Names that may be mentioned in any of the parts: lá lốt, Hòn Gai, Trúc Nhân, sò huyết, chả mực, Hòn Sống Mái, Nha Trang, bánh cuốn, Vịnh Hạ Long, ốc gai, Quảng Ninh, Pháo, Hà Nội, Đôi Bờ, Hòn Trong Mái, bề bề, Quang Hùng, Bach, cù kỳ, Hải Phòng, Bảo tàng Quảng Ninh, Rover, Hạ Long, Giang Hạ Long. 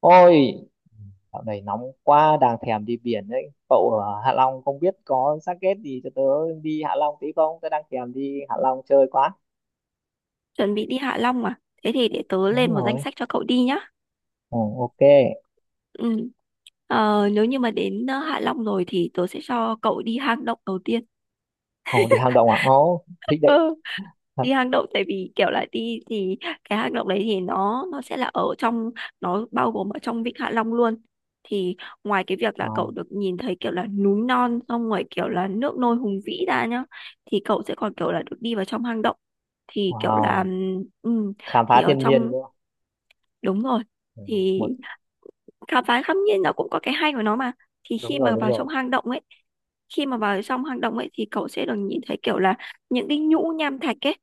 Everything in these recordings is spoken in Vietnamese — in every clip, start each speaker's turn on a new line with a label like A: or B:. A: Ôi, dạo này nóng quá, đang thèm đi biển đấy. Cậu ở Hạ Long không biết có xác ghét gì cho tớ đi Hạ Long tí không? Tớ đang thèm đi Hạ Long chơi quá.
B: Chuẩn bị đi Hạ Long à? Thế thì để tớ
A: Đúng
B: lên một danh
A: rồi.
B: sách cho cậu đi nhá.
A: Ồ, ok.
B: Ừ. Nếu như mà đến Hạ Long rồi thì tớ sẽ cho cậu đi hang động đầu tiên.
A: Ồ, đi hang động à? Ồ, thích đấy.
B: Ừ.
A: Thật.
B: Đi hang động tại vì kiểu là đi thì cái hang động đấy thì nó sẽ là ở trong, nó bao gồm ở trong Vịnh Hạ Long luôn. Thì ngoài cái việc là cậu
A: Ồ,
B: được nhìn thấy kiểu là núi non, xong rồi kiểu là nước nôi hùng vĩ ra nhá, thì cậu sẽ còn kiểu là được đi vào trong hang động thì kiểu là
A: wow.
B: ừm,
A: Khám
B: thì
A: phá
B: ở
A: thiên nhiên
B: trong.
A: đúng không?
B: Đúng rồi.
A: Ừ,
B: Thì
A: Một,
B: khám phá khắp nhiên nó cũng có cái hay của nó mà. Thì
A: đúng rồi, đúng rồi.
B: khi mà vào trong hang động ấy thì cậu sẽ được nhìn thấy kiểu là những cái nhũ nham thạch ấy,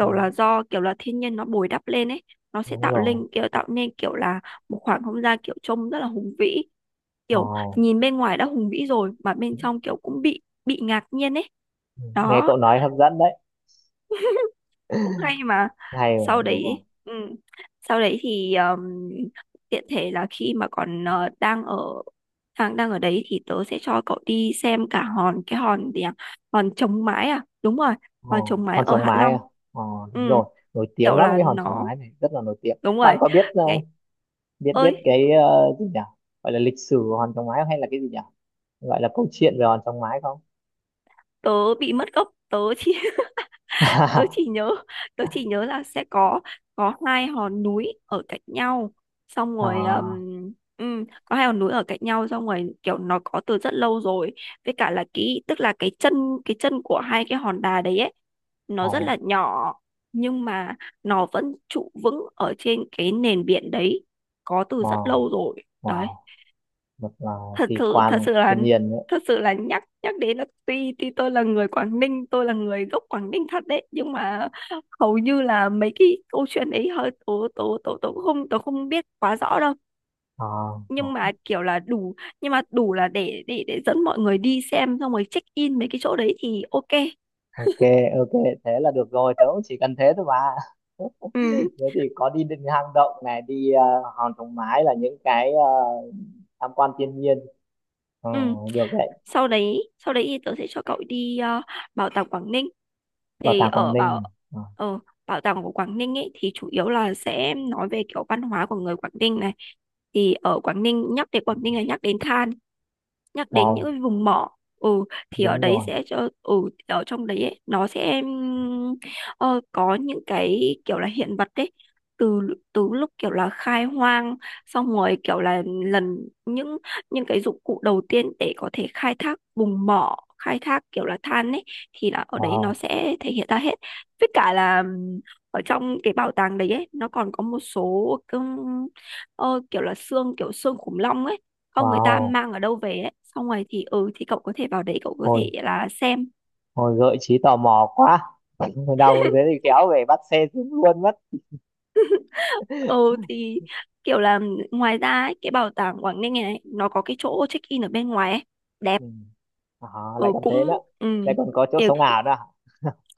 A: Ừ,
B: là do kiểu là thiên nhiên nó bồi đắp lên ấy, nó sẽ
A: đúng rồi.
B: tạo nên kiểu là một khoảng không gian kiểu trông rất là hùng vĩ, kiểu
A: Wow.
B: nhìn bên ngoài đã hùng vĩ rồi mà bên trong kiểu cũng bị ngạc nhiên ấy,
A: Ừ, nghe
B: đó
A: cậu nói hấp dẫn đấy.
B: cũng hay mà.
A: Hay
B: Sau
A: rồi, đúng rồi.
B: đấy. Ừ. Sau đấy thì tiện thể là khi mà còn đang ở đang đang ở đấy thì tớ sẽ cho cậu đi xem cả hòn cái hòn gì à? Hòn chống mái à, đúng rồi, hòn
A: Ồ,
B: chống mái
A: hòn
B: ở
A: Sống
B: Hạ
A: Mái à?
B: Long.
A: Ồ,
B: Ừ,
A: đúng rồi. Nổi tiếng
B: kiểu
A: lắm
B: là
A: cái hòn Sống
B: nó
A: Mái này, rất là nổi tiếng.
B: đúng rồi.
A: Bạn có biết
B: Ngày
A: biết biết
B: ơi,
A: cái gì nhỉ, gọi là lịch sử của Hòn Trong Mái hay là cái gì nhỉ, gọi là câu chuyện về Hòn Trong Mái không?
B: tớ bị mất gốc, tớ chỉ nhớ tớ chỉ nhớ là sẽ có hai hòn núi ở cạnh nhau, xong rồi
A: À,
B: có hai hòn núi ở cạnh nhau, xong rồi kiểu nó có từ rất lâu rồi. Với cả là cái tức là cái chân của hai cái hòn đá đấy ấy, nó rất
A: oh,
B: là nhỏ, nhưng mà nó vẫn trụ vững ở trên cái nền biển đấy, có từ rất
A: wow
B: lâu rồi đấy.
A: wow một
B: thật
A: kỳ
B: sự thật
A: quan
B: sự là
A: thiên nhiên đấy.
B: thật sự là nhắc nhắc đến là, tuy tuy tôi là người gốc Quảng Ninh thật đấy, nhưng mà hầu như là mấy cái câu chuyện ấy hơi tố tố tố tố không biết quá rõ đâu.
A: Ờ, ờ,
B: nhưng mà kiểu là đủ nhưng mà đủ là để dẫn mọi người đi xem, xong rồi check in mấy cái chỗ đấy thì OK.
A: ok ok, thế là được rồi, tớ cũng chỉ cần thế thôi mà.
B: ừ
A: Thế thì có đi đến hang động này, đi Hòn Trong Mái là những cái tham quan thiên nhiên. Ờ,
B: ừ
A: được đấy.
B: Sau đấy thì tớ sẽ cho cậu đi bảo tàng Quảng Ninh.
A: Bảo
B: Thì
A: tàng Quảng Ninh. Ờ,
B: ờ, bảo tàng của Quảng Ninh ấy thì chủ yếu là sẽ nói về kiểu văn hóa của người Quảng Ninh này. Thì ở Quảng Ninh, nhắc đến Quảng Ninh là nhắc đến than, nhắc đến những
A: wow,
B: cái vùng mỏ. Ừ, thì ở
A: đúng
B: đấy
A: rồi.
B: sẽ cho. Ừ. Ở trong đấy ấy, nó sẽ có những cái kiểu là hiện vật đấy, từ từ lúc kiểu là khai hoang, xong rồi kiểu là lần những những cái dụng cụ đầu tiên để có thể khai thác vùng mỏ, khai thác kiểu là than ấy, thì là ở đấy nó
A: Wow,
B: sẽ thể hiện ra hết. Với cả là ở trong cái bảo tàng đấy ấy, nó còn có một số kiểu là xương khủng long ấy, không người ta
A: wow,
B: mang ở đâu về ấy, xong rồi thì ừ, thì cậu có thể vào đấy, cậu có thể
A: thôi.
B: là xem.
A: Hồi gợi trí tò mò quá. Đau thế thì kéo về bắt xe xuống luôn mất.
B: Ừ. Thì kiểu là ngoài ra ấy, cái bảo tàng Quảng Ninh này nó có cái chỗ check in ở bên ngoài ấy, đẹp.
A: Ừ. À, lại
B: Ừ,
A: còn thế nữa.
B: cũng. Ừ.
A: Lại còn có chỗ
B: Kiểu
A: sống ảo nữa à?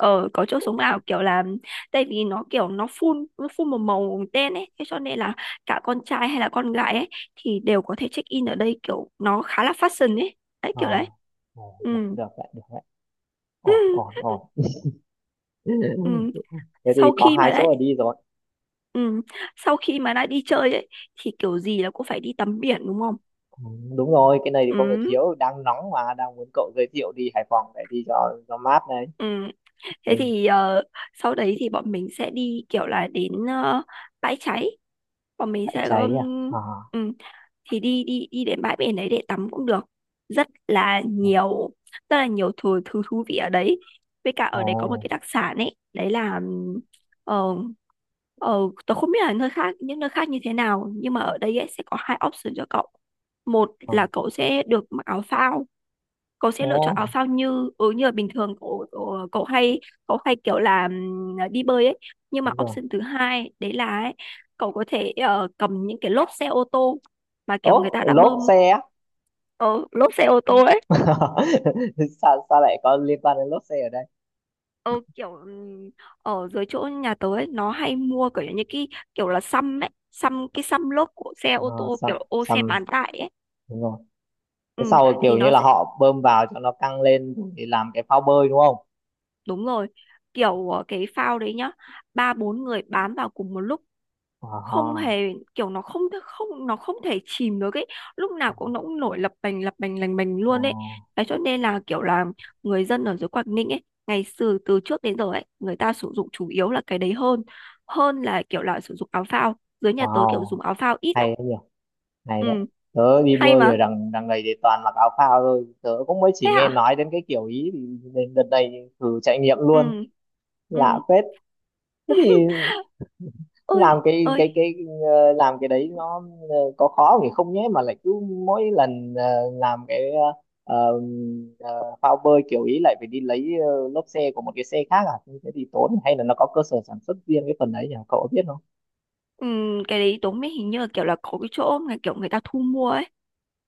B: ờ có chỗ sống ảo kiểu là, tại vì nó kiểu nó phun một màu đen ấy, thế cho nên là cả con trai hay là con gái ấy thì đều có thể check in ở đây, kiểu nó khá là fashion ấy, đấy
A: Ờ.
B: kiểu đấy.
A: Được,
B: Ừ.
A: được đấy, được đấy. Ổn, ổn, ổn.
B: Ừ.
A: Thế thì
B: sau
A: có
B: khi
A: hai
B: mà đã
A: chỗ là đi rồi.
B: Ừ. Sau khi mà đã đi chơi ấy thì kiểu gì là cũng phải đi tắm biển, đúng không?
A: Ừ, đúng rồi, cái này thì không được
B: Ừ.
A: thiếu. Đang nóng mà, đang muốn cậu giới thiệu đi Hải Phòng để đi cho mát đấy.
B: Ừ. Thế
A: Mình
B: thì sau đấy thì bọn mình sẽ đi kiểu là đến bãi cháy, bọn mình
A: phải
B: sẽ
A: cháy à? À.
B: um, thì đi đi đi đến bãi biển đấy để tắm cũng được, rất là nhiều rất là nhiều thứ thứ thú vị ở đấy. Với cả ở đấy có một
A: Ồ,
B: cái đặc sản ấy, đấy là ờ, ờ, tôi không biết là nơi khác những nơi khác như thế nào, nhưng mà ở đây ấy, sẽ có hai option cho cậu. Một
A: ồ,
B: là cậu sẽ được mặc áo phao, cậu sẽ lựa
A: ồ,
B: chọn áo phao như như là bình thường cậu, cậu cậu hay kiểu là đi bơi ấy. Nhưng mà
A: đúng rồi.
B: option thứ hai đấy là ấy, cậu có thể cầm những cái lốp xe ô tô mà kiểu người
A: Ố,
B: ta đã
A: lốp
B: bơm.
A: xe á.
B: Ờ, Lốp xe ô tô ấy,
A: sao sao lại có liên quan đến lốp xe ở đây?
B: ờ, kiểu ở dưới chỗ nhà tớ ấy, nó hay mua kiểu như cái kiểu là xăm ấy, xăm cái xăm lốp của xe
A: À,
B: ô tô
A: xăm,
B: kiểu xe
A: xăm,
B: bán tải ấy.
A: đúng rồi. Cái
B: Ừ,
A: sau rồi
B: thì
A: kiểu như
B: nó
A: là
B: sẽ.
A: họ bơm vào cho nó căng lên để làm cái phao bơi, đúng không?
B: Đúng rồi. Kiểu cái phao đấy nhá, ba bốn người bám vào cùng một lúc, không
A: À,
B: hề, kiểu nó không không nó không thể chìm được ấy. Lúc nào cũng nó cũng nổi lập bành lành bành luôn ấy.
A: wow,
B: Thế cho nên là kiểu là người dân ở dưới Quảng Ninh ấy, ngày xưa từ trước đến giờ ấy, người ta sử dụng chủ yếu là cái đấy hơn, hơn là kiểu là sử dụng áo phao. Dưới nhà tớ kiểu
A: wow,
B: dùng áo phao ít
A: hay
B: lắm.
A: đấy nhỉ, hay đấy.
B: Ừ,
A: Tớ đi
B: hay
A: bơi
B: mà.
A: ở đằng đằng này thì toàn mặc áo phao thôi. Tớ cũng mới chỉ
B: Thế
A: nghe
B: hả?
A: nói đến cái kiểu ý, thì đến đợt này thì thử trải nghiệm
B: Ừ.
A: luôn,
B: Ừ.
A: lạ phết. Thế thì
B: Ôi,
A: làm cái
B: ơi.
A: cái cái làm cái đấy nó có khó thì không nhé, mà lại cứ mỗi lần làm cái ờ, phao bơi kiểu ý lại phải đi lấy lốp xe của một cái xe khác à. Như thế thì tốn, hay là nó có cơ sở sản xuất riêng cái phần đấy nhỉ, cậu có biết không?
B: Ừ, cái đấy tớ mới, hình như là kiểu là có cái chỗ mà kiểu người ta thu mua ấy.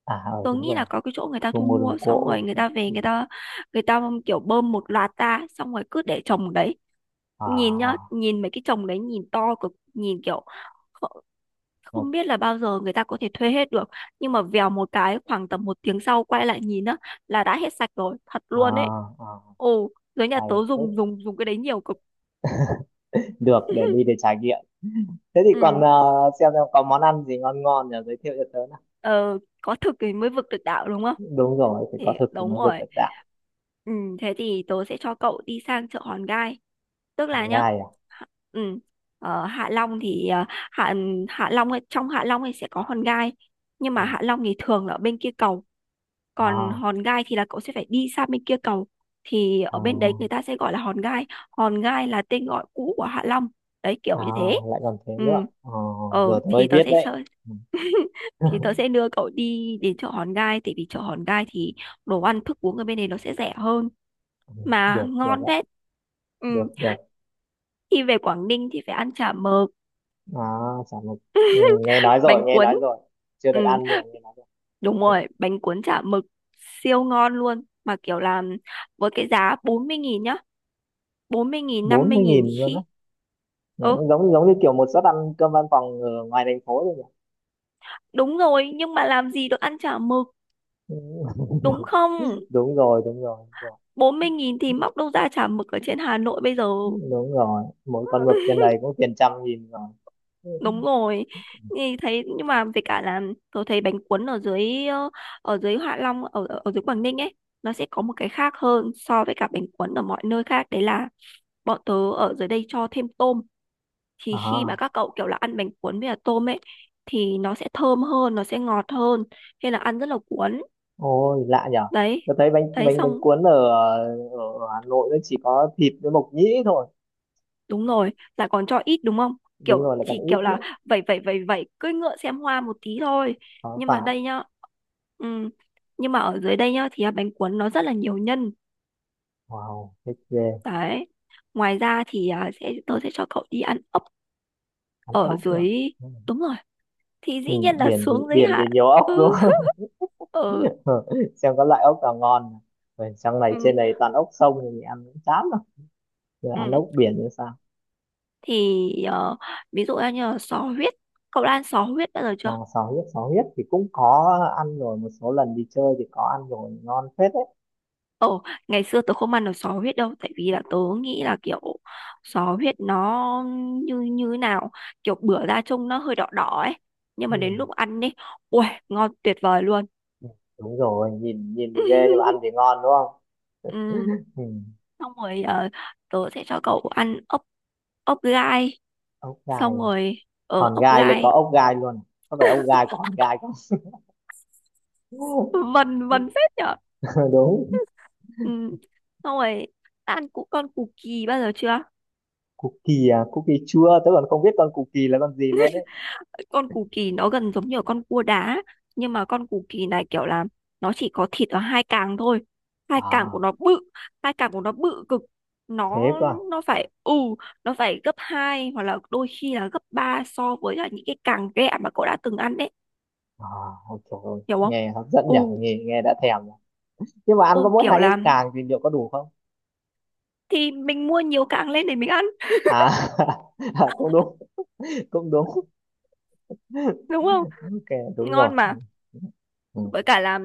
A: À, ừ,
B: Tớ
A: đúng
B: nghĩ là
A: rồi.
B: có cái chỗ người ta
A: Thu
B: thu
A: mua đồ
B: mua, xong rồi
A: gỗ
B: người
A: nhỉ.
B: ta về, người ta kiểu bơm một loạt ra, xong rồi cứ để trồng đấy. Nhìn nhá,
A: À,
B: nhìn mấy cái trồng đấy nhìn to cực, nhìn kiểu kh- không
A: ok.
B: biết là bao giờ người ta có thể thuê hết được. Nhưng mà vèo một cái, khoảng tầm một tiếng sau quay lại nhìn á là đã hết sạch rồi, thật luôn đấy.
A: À, à,
B: Ồ, dưới nhà
A: hay
B: tớ
A: thế.
B: dùng dùng dùng cái đấy nhiều cực.
A: Được để đi để trải nghiệm. Thế thì còn
B: Ừ.
A: xem có món ăn gì ngon ngon nhỉ, giới thiệu cho tớ nào.
B: ờ, có thực thì mới vực được đạo, đúng không?
A: Đúng rồi, phải
B: Thì
A: có thực thì
B: đúng
A: mới vượt
B: rồi.
A: được đạo.
B: Ừ, thế thì tớ sẽ cho cậu đi sang chợ Hòn Gai. Tức
A: Thứ
B: là nhá,
A: hai à?
B: Hạ- ừ, ở Hạ Long thì Hạ Long ấy, trong Hạ Long thì sẽ có Hòn Gai. Nhưng
A: Ừ.
B: mà Hạ Long thì thường là ở bên kia cầu, còn
A: À,
B: Hòn Gai thì là cậu sẽ phải đi sang bên kia cầu. Thì
A: à,
B: ở bên đấy người ta sẽ gọi là Hòn Gai. Hòn Gai là tên gọi cũ của Hạ Long, đấy kiểu
A: à,
B: như thế.
A: lại còn thế
B: Ừ.
A: nữa. Ờ,
B: ờ
A: giờ tôi mới
B: thì tớ
A: biết
B: sẽ
A: đấy.
B: chơi.
A: Ừ,
B: Thì tớ sẽ đưa cậu đi đến chợ Hòn Gai, tại vì chợ Hòn Gai thì đồ ăn thức uống ở bên này nó sẽ rẻ hơn
A: ừ,
B: mà
A: được, được
B: ngon
A: đấy,
B: phết. Ừ,
A: được được.
B: khi về Quảng Ninh thì phải ăn chả mực,
A: À, chả một. Ừ, nghe nói rồi,
B: bánh
A: nghe nói
B: cuốn.
A: rồi. Chưa
B: Ừ,
A: được ăn nhưng mà nghe nói rồi.
B: đúng
A: Ừ,
B: rồi, bánh cuốn chả mực siêu ngon luôn. Mà kiểu làm với cái giá 40.000 nhá. 40.000, năm
A: bốn
B: mươi
A: mươi
B: nghìn
A: nghìn luôn á?
B: khi...
A: Ừ,
B: Ừ,
A: giống giống như kiểu một suất ăn cơm văn phòng ở ngoài thành phố rồi nhỉ.
B: đúng rồi, nhưng mà làm gì được ăn chả mực,
A: Ừ,
B: đúng không?
A: đúng rồi, đúng rồi, đúng rồi.
B: 40.000 thì móc đâu ra chả mực ở trên Hà Nội bây giờ.
A: Đúng rồi, mỗi con mực trên này cũng tiền trăm nghìn rồi. Ừ.
B: Đúng rồi. Thì thấy Nhưng mà về cả là tôi thấy bánh cuốn ở dưới Hạ Long, ở ở ở dưới Quảng Ninh ấy, nó sẽ có một cái khác hơn so với cả bánh cuốn ở mọi nơi khác, đấy là bọn tớ ở dưới đây cho thêm tôm. Thì khi mà
A: À,
B: các cậu kiểu là ăn bánh cuốn với cả tôm ấy thì nó sẽ thơm hơn, nó sẽ ngọt hơn, nên là ăn rất là cuốn.
A: ôi lạ nhở.
B: Đấy.
A: Tôi thấy bánh
B: Đấy
A: bánh bánh
B: xong.
A: cuốn ở Hà Nội nó chỉ có thịt với mộc nhĩ thôi.
B: Đúng rồi, lại còn cho ít đúng không?
A: Đúng
B: Kiểu
A: rồi, lại còn
B: chỉ
A: ít
B: kiểu là
A: nữa.
B: vẩy vẩy vẩy vẩy, cưỡi ngựa xem hoa một tí thôi.
A: Có
B: Nhưng mà
A: phải.
B: đây nhá, ừm, nhưng mà ở dưới đây nhá thì à, bánh cuốn nó rất là nhiều nhân.
A: Wow, thích ghê.
B: Đấy. Ngoài ra thì à, tôi sẽ cho cậu đi ăn ốc
A: Ăn
B: ở
A: ốc nữa.
B: dưới. Đúng rồi, thì dĩ
A: Ừ,
B: nhiên là xuống dưới
A: biển
B: hạn.
A: thì nhiều ốc đúng
B: Ừ.
A: không?
B: ừ
A: Ừ, xem có loại ốc nào ngon nào. Rồi trong này
B: ừ
A: trên này toàn ốc sông thì mình ăn cũng chán rồi. Rồi ăn
B: ừ
A: ốc biển như sao?
B: thì ví dụ như là sò huyết. Cậu đã ăn sò huyết bao giờ
A: À,
B: chưa?
A: sò huyết, sò huyết thì cũng có ăn rồi, một số lần đi chơi thì có ăn rồi, ngon phết đấy.
B: Ồ, ngày xưa tớ không ăn được sò huyết đâu, tại vì là tớ nghĩ là kiểu sò huyết nó như như thế nào, kiểu bữa ra trông nó hơi đỏ đỏ ấy, nhưng mà đến
A: Ừ.
B: lúc ăn đi, ui, ngon tuyệt vời luôn.
A: Đúng rồi, nhìn nhìn thì ghê nhưng mà ăn thì ngon đúng không?
B: Ừ,
A: Ừ.
B: xong rồi tớ sẽ cho cậu ăn ốc ốc gai,
A: Ốc gai
B: xong
A: à?
B: rồi ở
A: Hòn
B: ốc
A: Gai lại có
B: gai
A: ốc gai luôn à? Có phải ốc gai có Hòn Gai không?
B: vần vần phết nhở.
A: Ờ, đúng.
B: Ừ, xong rồi đã ăn con củ kỳ bao giờ chưa?
A: Cookie à? Cookie chua tớ còn không biết con cookie là con gì luôn ấy.
B: Con cù kỳ nó gần giống như ở con cua đá, nhưng mà con cù kỳ này kiểu là nó chỉ có thịt ở hai càng thôi. Hai càng
A: À,
B: của nó bự, hai càng của nó bự cực.
A: thế
B: nó
A: cơ à.
B: nó phải, ừ, nó phải gấp hai hoặc là đôi khi là gấp ba so với là những cái càng ghẹ mà cậu đã từng ăn đấy,
A: À, ôi trời ơi,
B: hiểu không?
A: nghe hấp dẫn
B: Ừ,
A: nhỉ, nghe nghe đã thèm rồi. Nhưng mà ăn
B: ừ,
A: có mỗi
B: kiểu
A: hai cái
B: là
A: càng thì liệu có đủ không?
B: thì mình mua nhiều càng lên để mình ăn,
A: À, à cũng đúng, cũng đúng.
B: đúng không?
A: Ok, đúng rồi.
B: Ngon mà.
A: Ừ. Ừ.
B: Với cả là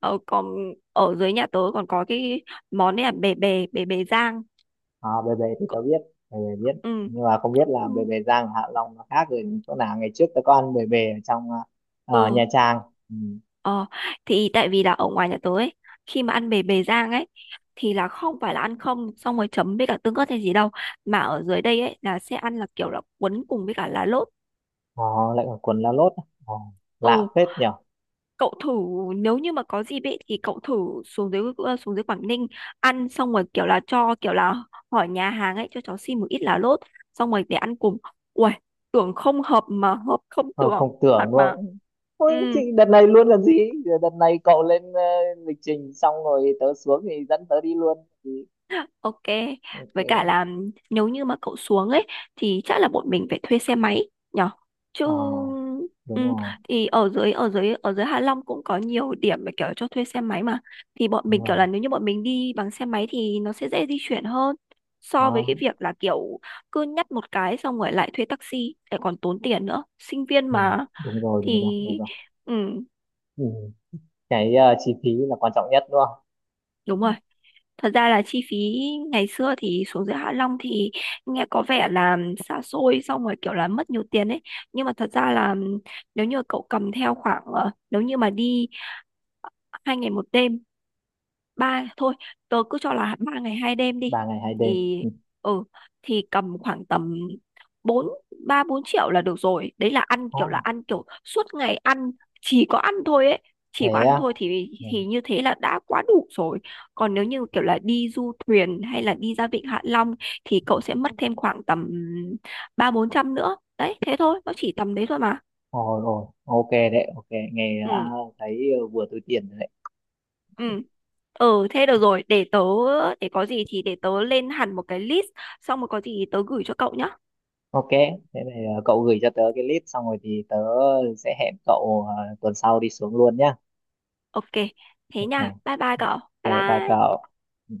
B: ở còn ở dưới nhà tớ còn có cái món này là bề bề rang.
A: À, bề bề thì tớ biết, bề bề biết, nhưng mà không biết là
B: Ừ
A: bề bề Giang Hạ Long nó khác rồi chỗ nào. Ngày trước tớ có ăn bề bề ở trong ở Nha
B: Ừ,
A: Trang, ừ.
B: ờ, thì tại vì là ở ngoài nhà tớ ấy, khi mà ăn bề bề rang ấy, thì là không phải là ăn không xong rồi chấm với cả tương ớt hay gì đâu, mà ở dưới đây ấy là sẽ ăn là kiểu là cuốn cùng với cả lá lốt.
A: Ờ, lại còn quần la lốt. Ờ,
B: Ừ,
A: lạ phết nhở.
B: cậu thử, nếu như mà có dịp ấy thì cậu thử xuống dưới xuống dưới Quảng Ninh, ăn xong rồi kiểu là cho kiểu là hỏi nhà hàng ấy cho cháu xin một ít lá lốt xong rồi để ăn cùng. Uầy, tưởng không hợp mà hợp không
A: Không,
B: tưởng,
A: không
B: thật
A: tưởng
B: mà.
A: luôn. Ôi, thì
B: Ừ.
A: đợt này luôn là gì, đợt này cậu lên lịch trình xong rồi tớ xuống thì dẫn tớ đi luôn thì
B: Ok,
A: ok.
B: với cả là nếu như mà cậu xuống ấy thì chắc là bọn mình phải thuê xe máy nhở. Chứ
A: Ờ, đúng
B: ừ,
A: rồi,
B: thì ở dưới Hạ Long cũng có nhiều điểm mà kiểu cho thuê xe máy mà. Thì bọn
A: đúng
B: mình
A: rồi.
B: kiểu là nếu như bọn mình đi bằng xe máy thì nó sẽ dễ di chuyển hơn so với
A: Đó.
B: cái việc là kiểu cứ nhắt một cái xong rồi lại thuê taxi lại còn tốn tiền nữa. Sinh viên
A: Ừ.
B: mà,
A: Đúng rồi, đúng
B: thì
A: rồi, đúng rồi.
B: ừ,
A: Ừ. Cái chi phí là quan trọng nhất đúng không?
B: đúng rồi. Thật ra là chi phí ngày xưa thì xuống dưới Hạ Long thì nghe có vẻ là xa xôi xong rồi kiểu là mất nhiều tiền ấy. Nhưng mà thật ra là nếu như cậu cầm theo khoảng nếu như mà đi 2 ngày 1 đêm, ba thôi tớ cứ cho là 3 ngày 2 đêm đi,
A: 3 ngày 2 đêm.
B: thì
A: Ừ.
B: ừ thì cầm khoảng tầm bốn ba bốn triệu là được rồi, đấy là
A: Đó.
B: ăn kiểu suốt ngày ăn, chỉ có ăn thôi ấy, chỉ có
A: Thế
B: ăn
A: á.
B: thôi thì
A: Ừ.
B: thì như thế là đã quá đủ rồi. Còn nếu như kiểu là đi du thuyền hay là đi ra vịnh Hạ Long thì cậu sẽ mất thêm khoảng tầm ba bốn trăm nữa đấy, thế thôi, nó chỉ tầm đấy thôi mà.
A: Ôi ôi, ok đấy, ok. Nghe đã.
B: Ừ,
A: Thấy vừa túi tiền rồi đấy.
B: ừ, ừ, thế được rồi, để tớ, để có gì thì để tớ lên hẳn một cái list xong rồi có gì tớ gửi cho cậu nhá.
A: Ok. Thế này, cậu gửi cho tớ cái list xong rồi thì tớ sẽ hẹn cậu tuần sau đi xuống luôn nhá.
B: Ok, thế nha.
A: Ok.
B: Bye bye cậu. Bye
A: Ok, bye
B: bye.
A: cậu. Ừ.